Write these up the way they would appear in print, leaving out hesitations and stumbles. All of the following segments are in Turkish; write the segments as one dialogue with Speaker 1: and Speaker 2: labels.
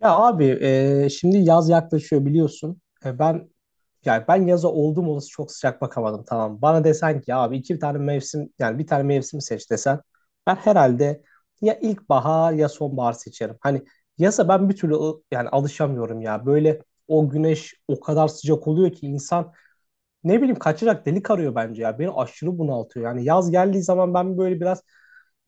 Speaker 1: Ya abi, şimdi yaz yaklaşıyor biliyorsun. Ben yaza oldum olası çok sıcak bakamadım, tamam. Bana desen ki abi iki tane mevsim, yani bir tane mevsim seç desen, ben herhalde ya ilkbahar ya sonbahar seçerim. Hani yaza ben bir türlü yani alışamıyorum ya. Böyle o güneş o kadar sıcak oluyor ki insan ne bileyim kaçacak delik arıyor bence ya. Beni aşırı bunaltıyor. Yani yaz geldiği zaman ben böyle biraz,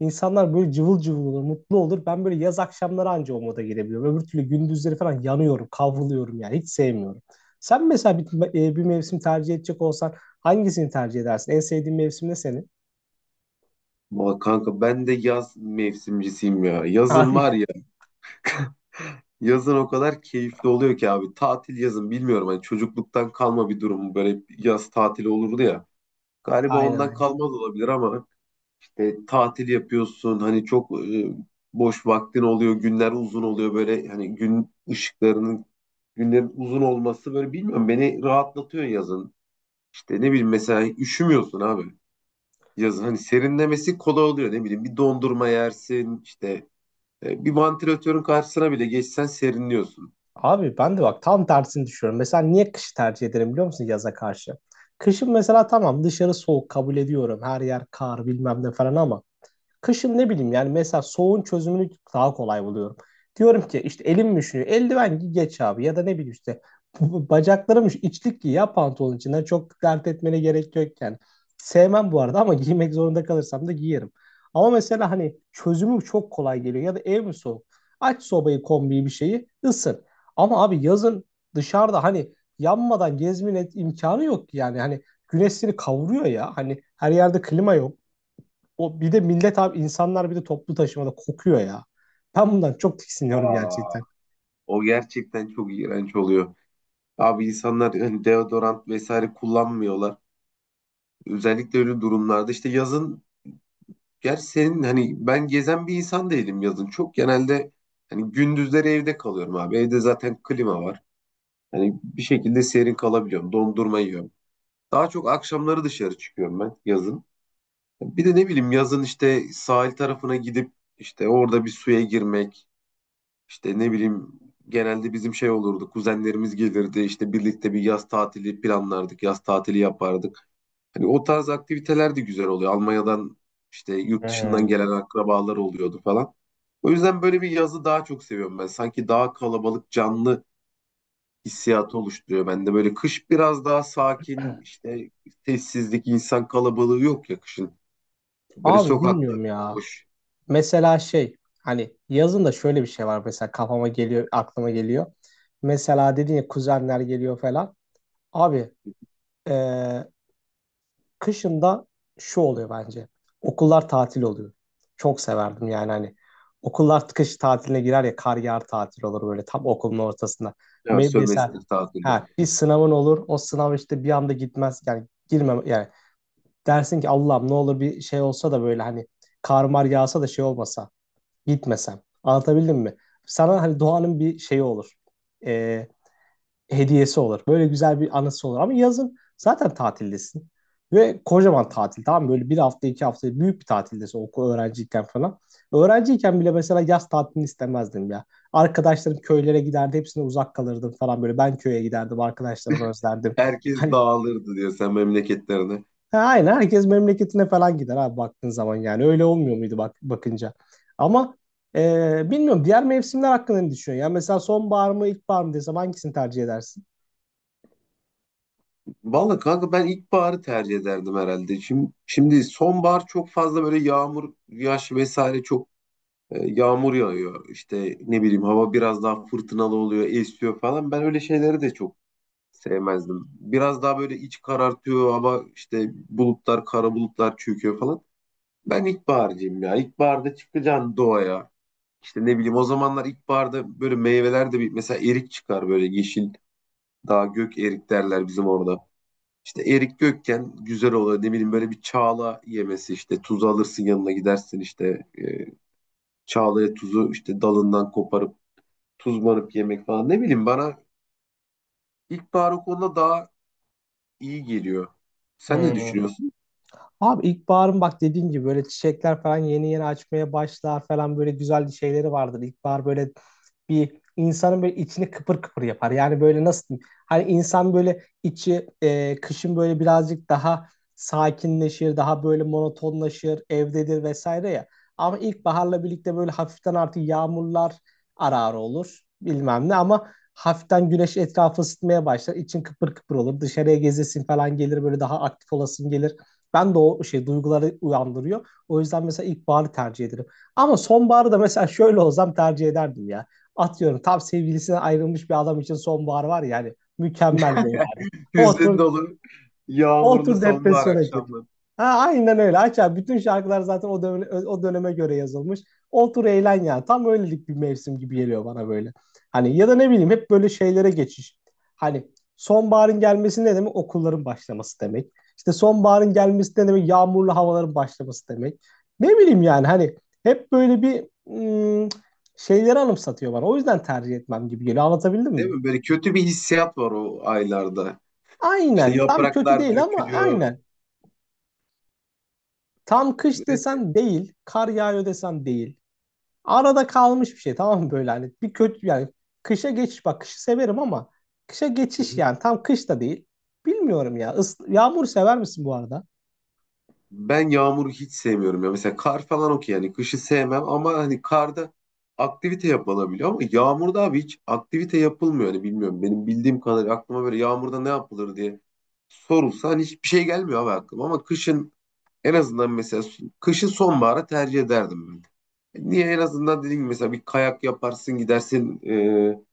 Speaker 1: insanlar böyle cıvıl cıvıl olur, mutlu olur. Ben böyle yaz akşamları anca o moda girebiliyorum. Öbür türlü gündüzleri falan yanıyorum, kavruluyorum yani. Hiç sevmiyorum. Sen mesela bir, bir mevsim tercih edecek olsan hangisini tercih edersin? En sevdiğin mevsim ne senin?
Speaker 2: Ama kanka ben de yaz mevsimcisiyim ya. Yazın
Speaker 1: Abi,
Speaker 2: var ya. Yazın o kadar keyifli oluyor ki abi. Tatil yazın bilmiyorum. Hani çocukluktan kalma bir durum. Böyle yaz tatili olurdu ya. Galiba
Speaker 1: aynen
Speaker 2: ondan
Speaker 1: aynen.
Speaker 2: kalmaz olabilir ama işte tatil yapıyorsun. Hani çok boş vaktin oluyor. Günler uzun oluyor böyle. Hani gün ışıklarının günlerin uzun olması böyle bilmiyorum. Beni rahatlatıyor yazın. İşte ne bileyim mesela üşümüyorsun abi. Yazın hani serinlemesi kolay oluyor. Ne bileyim bir dondurma yersin işte. Bir vantilatörün karşısına bile geçsen serinliyorsun.
Speaker 1: Abi ben de bak tam tersini düşünüyorum. Mesela niye kışı tercih ederim biliyor musun yaza karşı? Kışın mesela tamam, dışarı soğuk, kabul ediyorum. Her yer kar bilmem ne falan ama kışın ne bileyim yani mesela soğuğun çözümünü daha kolay buluyorum. Diyorum ki işte elim üşüyor, eldiven giy geç abi, ya da ne bileyim işte bacaklarım üşüyor, İçlik giy ya pantolon içinden, çok dert etmene gerek yok yani. Sevmem bu arada ama giymek zorunda kalırsam da giyerim. Ama mesela hani çözümü çok kolay geliyor. Ya da ev mi soğuk? Aç sobayı, kombiyi, bir şeyi, ısın. Ama abi yazın dışarıda hani yanmadan gezmenin imkanı yok ki yani. Hani güneş seni kavuruyor ya. Hani her yerde klima yok. O bir de millet abi, insanlar bir de toplu taşımada kokuyor ya. Ben bundan çok tiksiniyorum
Speaker 2: Aa,
Speaker 1: gerçekten.
Speaker 2: o gerçekten çok iğrenç oluyor. Abi insanlar hani deodorant vesaire kullanmıyorlar. Özellikle öyle durumlarda işte yazın gerçi senin hani ben gezen bir insan değilim yazın. Çok genelde hani gündüzleri evde kalıyorum abi. Evde zaten klima var. Hani bir şekilde serin kalabiliyorum. Dondurma yiyorum. Daha çok akşamları dışarı çıkıyorum ben yazın. Bir de ne bileyim yazın işte sahil tarafına gidip işte orada bir suya girmek. İşte ne bileyim genelde bizim şey olurdu. Kuzenlerimiz gelirdi işte birlikte bir yaz tatili planlardık. Yaz tatili yapardık. Hani o tarz aktiviteler de güzel oluyor. Almanya'dan işte yurt dışından
Speaker 1: Hmm.
Speaker 2: gelen akrabalar oluyordu falan. O yüzden böyle bir yazı daha çok seviyorum ben. Sanki daha kalabalık, canlı hissiyatı oluşturuyor bende. Böyle kış biraz daha sakin, işte sessizlik, insan kalabalığı yok ya kışın. Böyle
Speaker 1: Abi
Speaker 2: sokaklar
Speaker 1: bilmiyorum ya.
Speaker 2: boş.
Speaker 1: Mesela şey, hani yazın da şöyle bir şey var mesela, kafama geliyor, aklıma geliyor. Mesela dedin ya kuzenler geliyor falan. Abi, e, kışında şu oluyor bence. Okullar tatil oluyor. Çok severdim yani hani. Okullar kış tatiline girer ya, kar yağar tatil olur böyle tam okulun ortasında.
Speaker 2: Ya
Speaker 1: Mesela
Speaker 2: sömestr tatili.
Speaker 1: ha, bir sınavın olur, o sınav işte bir anda gitmez, yani girmem yani, dersin ki Allah'ım ne olur bir şey olsa da böyle hani kar mar yağsa da şey olmasa, gitmesem, anlatabildim mi? Sana hani doğanın bir şeyi olur, Ee, hediyesi olur. Böyle güzel bir anısı olur. Ama yazın zaten tatildesin. Ve kocaman tatil, tamam mı? Böyle bir hafta iki hafta büyük bir tatildesin okul öğrenciyken falan. Öğrenciyken bile mesela yaz tatilini istemezdim ya. Arkadaşlarım köylere giderdi, hepsine uzak kalırdım falan böyle. Ben köye giderdim, arkadaşlarımı özlerdim.
Speaker 2: Herkes
Speaker 1: Hani
Speaker 2: dağılırdı diyor sen memleketlerine.
Speaker 1: ha, aynen herkes memleketine falan gider abi baktığın zaman, yani öyle olmuyor muydu bak bakınca. Ama bilmiyorum, diğer mevsimler hakkında ne düşünüyorsun? Yani mesela sonbahar mı ilkbahar mı desem hangisini tercih edersin?
Speaker 2: Vallahi kanka ben ilkbaharı tercih ederdim herhalde. Şimdi sonbahar çok fazla böyle yağmur, yaş vesaire çok yağmur yağıyor. İşte ne bileyim hava biraz daha fırtınalı oluyor, esiyor falan. Ben öyle şeyleri de çok sevmezdim. Biraz daha böyle iç karartıyor hava işte bulutlar, kara bulutlar çöküyor falan. Ben ilkbaharcıyım ya. İlkbaharda çıkacaksın doğaya. İşte ne bileyim o zamanlar ilkbaharda böyle meyveler de bir mesela erik çıkar böyle yeşil. Daha gök erik derler bizim orada. İşte Erik Gökçen güzel oluyor. Ne bileyim böyle bir çağla yemesi işte tuzu alırsın yanına gidersin işte çağlaya tuzu işte dalından koparıp tuzlanıp yemek falan. Ne bileyim bana ilkbahar o konuda daha iyi geliyor. Sen ne
Speaker 1: Hmm.
Speaker 2: düşünüyorsun?
Speaker 1: Abi ilkbaharın bak dediğin gibi böyle çiçekler falan yeni yeni açmaya başlar falan, böyle güzel şeyleri vardır. İlkbahar böyle bir insanın böyle içini kıpır kıpır yapar. Yani böyle nasıl diyeyim? Hani insan böyle içi kışın böyle birazcık daha sakinleşir, daha böyle monotonlaşır, evdedir vesaire ya. Ama ilkbaharla birlikte böyle hafiften artık yağmurlar arar olur bilmem ne, ama hafiften güneş etrafı ısıtmaya başlar. İçin kıpır kıpır olur. Dışarıya gezesin falan gelir, böyle daha aktif olasın gelir. Ben de o şey duyguları uyandırıyor. O yüzden mesela ilkbaharı tercih ederim. Ama sonbaharı da mesela şöyle olsam tercih ederdim ya. Atıyorum tam sevgilisinden ayrılmış bir adam için sonbahar var ya hani, mükemmel böyle. Yani.
Speaker 2: Hüzün
Speaker 1: Otur,
Speaker 2: dolu
Speaker 1: o
Speaker 2: yağmurlu
Speaker 1: otur
Speaker 2: sonbahar
Speaker 1: depresyona gir.
Speaker 2: akşamları.
Speaker 1: Ha, aynen öyle. Aç abi. Bütün şarkılar zaten o döneme, o döneme göre yazılmış. Otur eğlen ya. Tam öylelik bir mevsim gibi geliyor bana böyle. Hani ya da ne bileyim hep böyle şeylere geçiş. Hani sonbaharın gelmesi ne demek? Okulların başlaması demek. İşte sonbaharın gelmesi ne demek? Yağmurlu havaların başlaması demek. Ne bileyim yani hani hep böyle bir ım, şeyleri anımsatıyor bana. O yüzden tercih etmem gibi geliyor. Anlatabildim
Speaker 2: Değil
Speaker 1: mi?
Speaker 2: mi? Böyle kötü bir hissiyat var o aylarda. İşte
Speaker 1: Aynen. Şey, tam kötü
Speaker 2: yapraklar
Speaker 1: değil ama
Speaker 2: dökülüyor.
Speaker 1: aynen. Tam kış
Speaker 2: Evet.
Speaker 1: desen değil, kar yağıyor desen değil. Arada kalmış bir şey, tamam mı, böyle hani bir kötü yani. Kışa geçiş, bak kışı severim ama kışa geçiş yani tam kış da değil. Bilmiyorum ya. Is yağmur sever misin bu arada?
Speaker 2: Ben yağmuru hiç sevmiyorum ya. Mesela kar falan okey yani kışı sevmem ama hani karda aktivite yapılabiliyor ama yağmurda abi hiç aktivite yapılmıyor. Hani bilmiyorum benim bildiğim kadarıyla aklıma böyle yağmurda ne yapılır diye sorulsa hani hiçbir şey gelmiyor abi aklıma ama kışın en azından mesela kışın sonbahara tercih ederdim ben. Niye en azından dediğim gibi mesela bir kayak yaparsın gidersin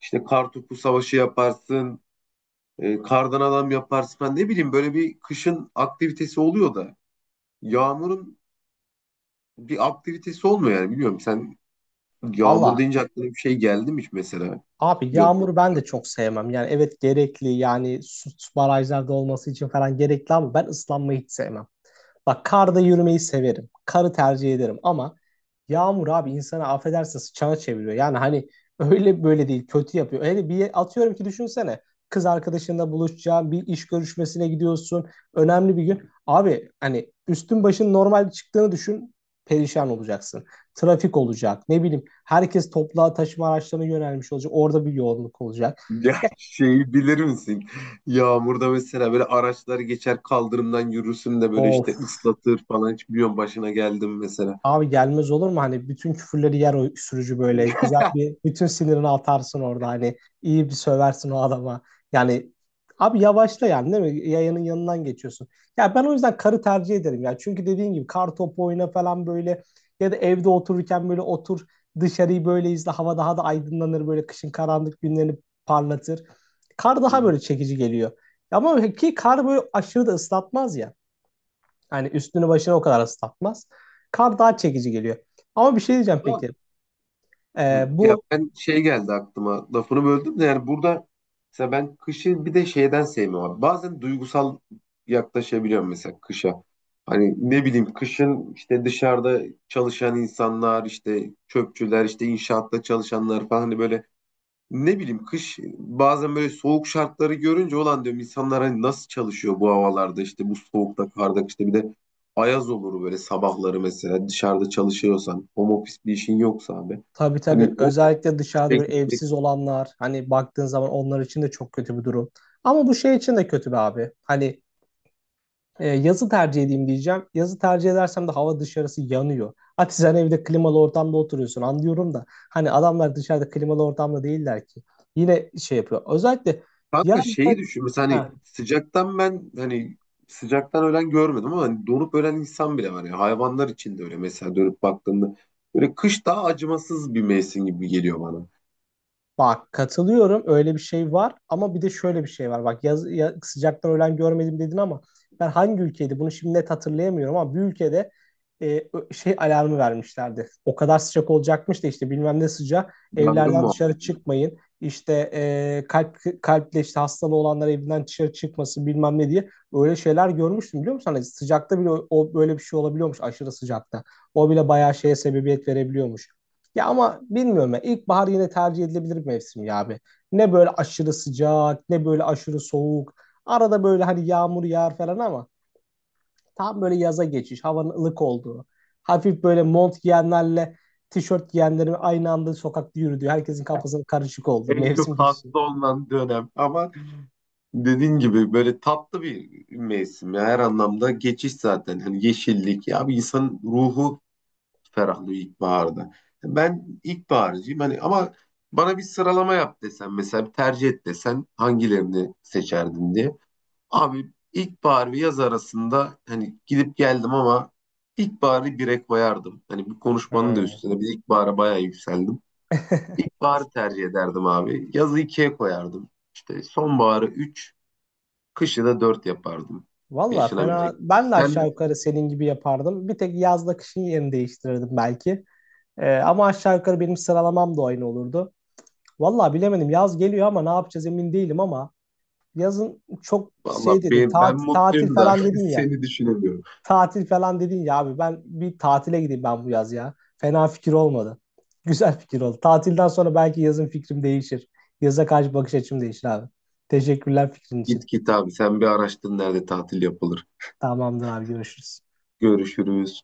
Speaker 2: işte kar topu savaşı yaparsın kardan adam yaparsın ben ne bileyim böyle bir kışın aktivitesi oluyor da. Yağmurun bir aktivitesi olmuyor yani biliyorum. Sen yağmur
Speaker 1: Valla
Speaker 2: deyince aklına bir şey geldi mi hiç mesela?
Speaker 1: abi
Speaker 2: Yok.
Speaker 1: yağmuru ben de çok sevmem. Yani evet gerekli, yani su, su barajlarda olması için falan gerekli, ama ben ıslanmayı hiç sevmem. Bak karda yürümeyi severim. Karı tercih ederim ama yağmur abi, insana affedersin sıçana çeviriyor. Yani hani öyle böyle değil, kötü yapıyor. Öyle bir atıyorum ki, düşünsene kız arkadaşınla buluşacağın bir iş görüşmesine gidiyorsun. Önemli bir gün. Abi hani üstün başın normal çıktığını düşün, perişan olacaksın. Trafik olacak, ne bileyim herkes toplu taşıma araçlarına yönelmiş olacak. Orada bir yoğunluk olacak.
Speaker 2: Ya şeyi bilir misin? Yağmurda mesela böyle araçlar geçer kaldırımdan yürürsün de böyle
Speaker 1: Of.
Speaker 2: işte ıslatır falan. Hiç biliyorum başına geldim mesela.
Speaker 1: Abi gelmez olur mu? Hani bütün küfürleri yer o sürücü böyle. Güzel bir, bütün sinirini atarsın orada. Hani iyi bir söversin o adama. Yani abi yavaşla yani, değil mi? Yayanın yanından geçiyorsun. Ya ben o yüzden karı tercih ederim ya. Çünkü dediğin gibi kar topu oyna falan böyle, ya da evde otururken böyle otur, dışarıyı böyle izle. Hava daha da aydınlanır, böyle kışın karanlık günlerini parlatır. Kar
Speaker 2: Hı
Speaker 1: daha
Speaker 2: hı.
Speaker 1: böyle çekici geliyor. Ama ki kar böyle aşırı da ıslatmaz ya. Yani üstünü başına o kadar ıslatmaz. Kar daha çekici geliyor. Ama bir şey diyeceğim peki. Ee,
Speaker 2: Hı. Ya
Speaker 1: bu
Speaker 2: ben şey geldi aklıma lafını böldüm de yani burada mesela ben kışı bir de şeyden sevmiyorum. Bazen duygusal yaklaşabiliyorum mesela kışa. Hani ne bileyim kışın işte dışarıda çalışan insanlar işte çöpçüler işte inşaatta çalışanlar falan hani böyle ne bileyim kış bazen böyle soğuk şartları görünce olan diyorum insanlar hani nasıl çalışıyor bu havalarda işte bu soğukta karda işte bir de ayaz olur böyle sabahları mesela dışarıda çalışıyorsan home office bir işin yoksa abi.
Speaker 1: tabii tabii,
Speaker 2: Hani
Speaker 1: özellikle dışarıda bir
Speaker 2: peki, peki.
Speaker 1: evsiz olanlar, hani baktığın zaman onlar için de çok kötü bir durum. Ama bu şey için de kötü be abi. Hani yazı tercih edeyim diyeceğim. Yazı tercih edersem de hava dışarısı yanıyor. Hadi sen evde klimalı ortamda oturuyorsun anlıyorum da, hani adamlar dışarıda klimalı ortamda değiller ki. Yine şey yapıyor. Özellikle
Speaker 2: Kanka
Speaker 1: yazda.
Speaker 2: şeyi düşün. Mesela hani
Speaker 1: Heh.
Speaker 2: sıcaktan ben hani sıcaktan ölen görmedim ama hani donup ölen insan bile var. Ya hayvanlar için de öyle mesela dönüp baktığında. Böyle kış daha acımasız bir mevsim gibi geliyor bana.
Speaker 1: Bak katılıyorum, öyle bir şey var, ama bir de şöyle bir şey var. Bak yaz, sıcaktan ölen görmedim dedin ama ben hangi ülkeydi bunu şimdi net hatırlayamıyorum, ama bir ülkede şey alarmı vermişlerdi. O kadar sıcak olacakmış da, işte bilmem ne sıcak,
Speaker 2: Yangın
Speaker 1: evlerden dışarı
Speaker 2: muhabbeti.
Speaker 1: çıkmayın, İşte kalple işte hastalığı olanlar evinden dışarı çıkmasın bilmem ne diye, öyle şeyler görmüştüm biliyor musun? Hani sıcakta bile o, o böyle bir şey olabiliyormuş aşırı sıcakta. O bile bayağı şeye sebebiyet verebiliyormuş. Ya ama bilmiyorum ya. İlkbahar yine tercih edilebilir bir mevsim ya abi. Ne böyle aşırı sıcak, ne böyle aşırı soğuk. Arada böyle hani yağmur yağar falan ama tam böyle yaza geçiş, havanın ılık olduğu. Hafif böyle mont giyenlerle tişört giyenlerin aynı anda sokakta yürüdüğü, herkesin kafasının karışık olduğu
Speaker 2: En
Speaker 1: mevsim
Speaker 2: çok
Speaker 1: geçişi.
Speaker 2: hasta olunan dönem. Ama dediğin gibi böyle tatlı bir mevsim. Ya her anlamda geçiş zaten. Hani yeşillik. Ya bir insanın ruhu ferahlıyor ilkbaharda. Ben ilkbaharcıyım hani ama bana bir sıralama yap desen mesela bir tercih et desen hangilerini seçerdin diye. Abi ilkbahar ve yaz arasında hani gidip geldim ama ilkbaharı bire koyardım. Hani bu konuşmanın da üstüne bir ilkbahara bayağı yükseldim. İlkbaharı tercih ederdim abi. Yazı ikiye koyardım. İşte sonbaharı üç, kışı da dört yapardım.
Speaker 1: Valla fena.
Speaker 2: Yaşanabilecek.
Speaker 1: Ben de aşağı
Speaker 2: Sen
Speaker 1: yukarı senin gibi yapardım. Bir tek yazla kışın yerini değiştirirdim belki. Ama aşağı yukarı benim sıralamam da aynı olurdu. Valla bilemedim. Yaz geliyor ama ne yapacağız emin değilim ama, yazın çok
Speaker 2: valla
Speaker 1: şey dedin,
Speaker 2: ben
Speaker 1: tatil, tatil
Speaker 2: mutluyum da
Speaker 1: falan dedin ya.
Speaker 2: seni düşünemiyorum.
Speaker 1: Tatil falan dedin ya abi, ben bir tatile gideyim ben bu yaz ya. Fena fikir olmadı. Güzel fikir oldu. Tatilden sonra belki yazın fikrim değişir. Yaza karşı bakış açım değişir abi. Teşekkürler fikrin için.
Speaker 2: Git git abi sen bir araştır nerede tatil yapılır.
Speaker 1: Tamamdır abi, görüşürüz.
Speaker 2: Görüşürüz.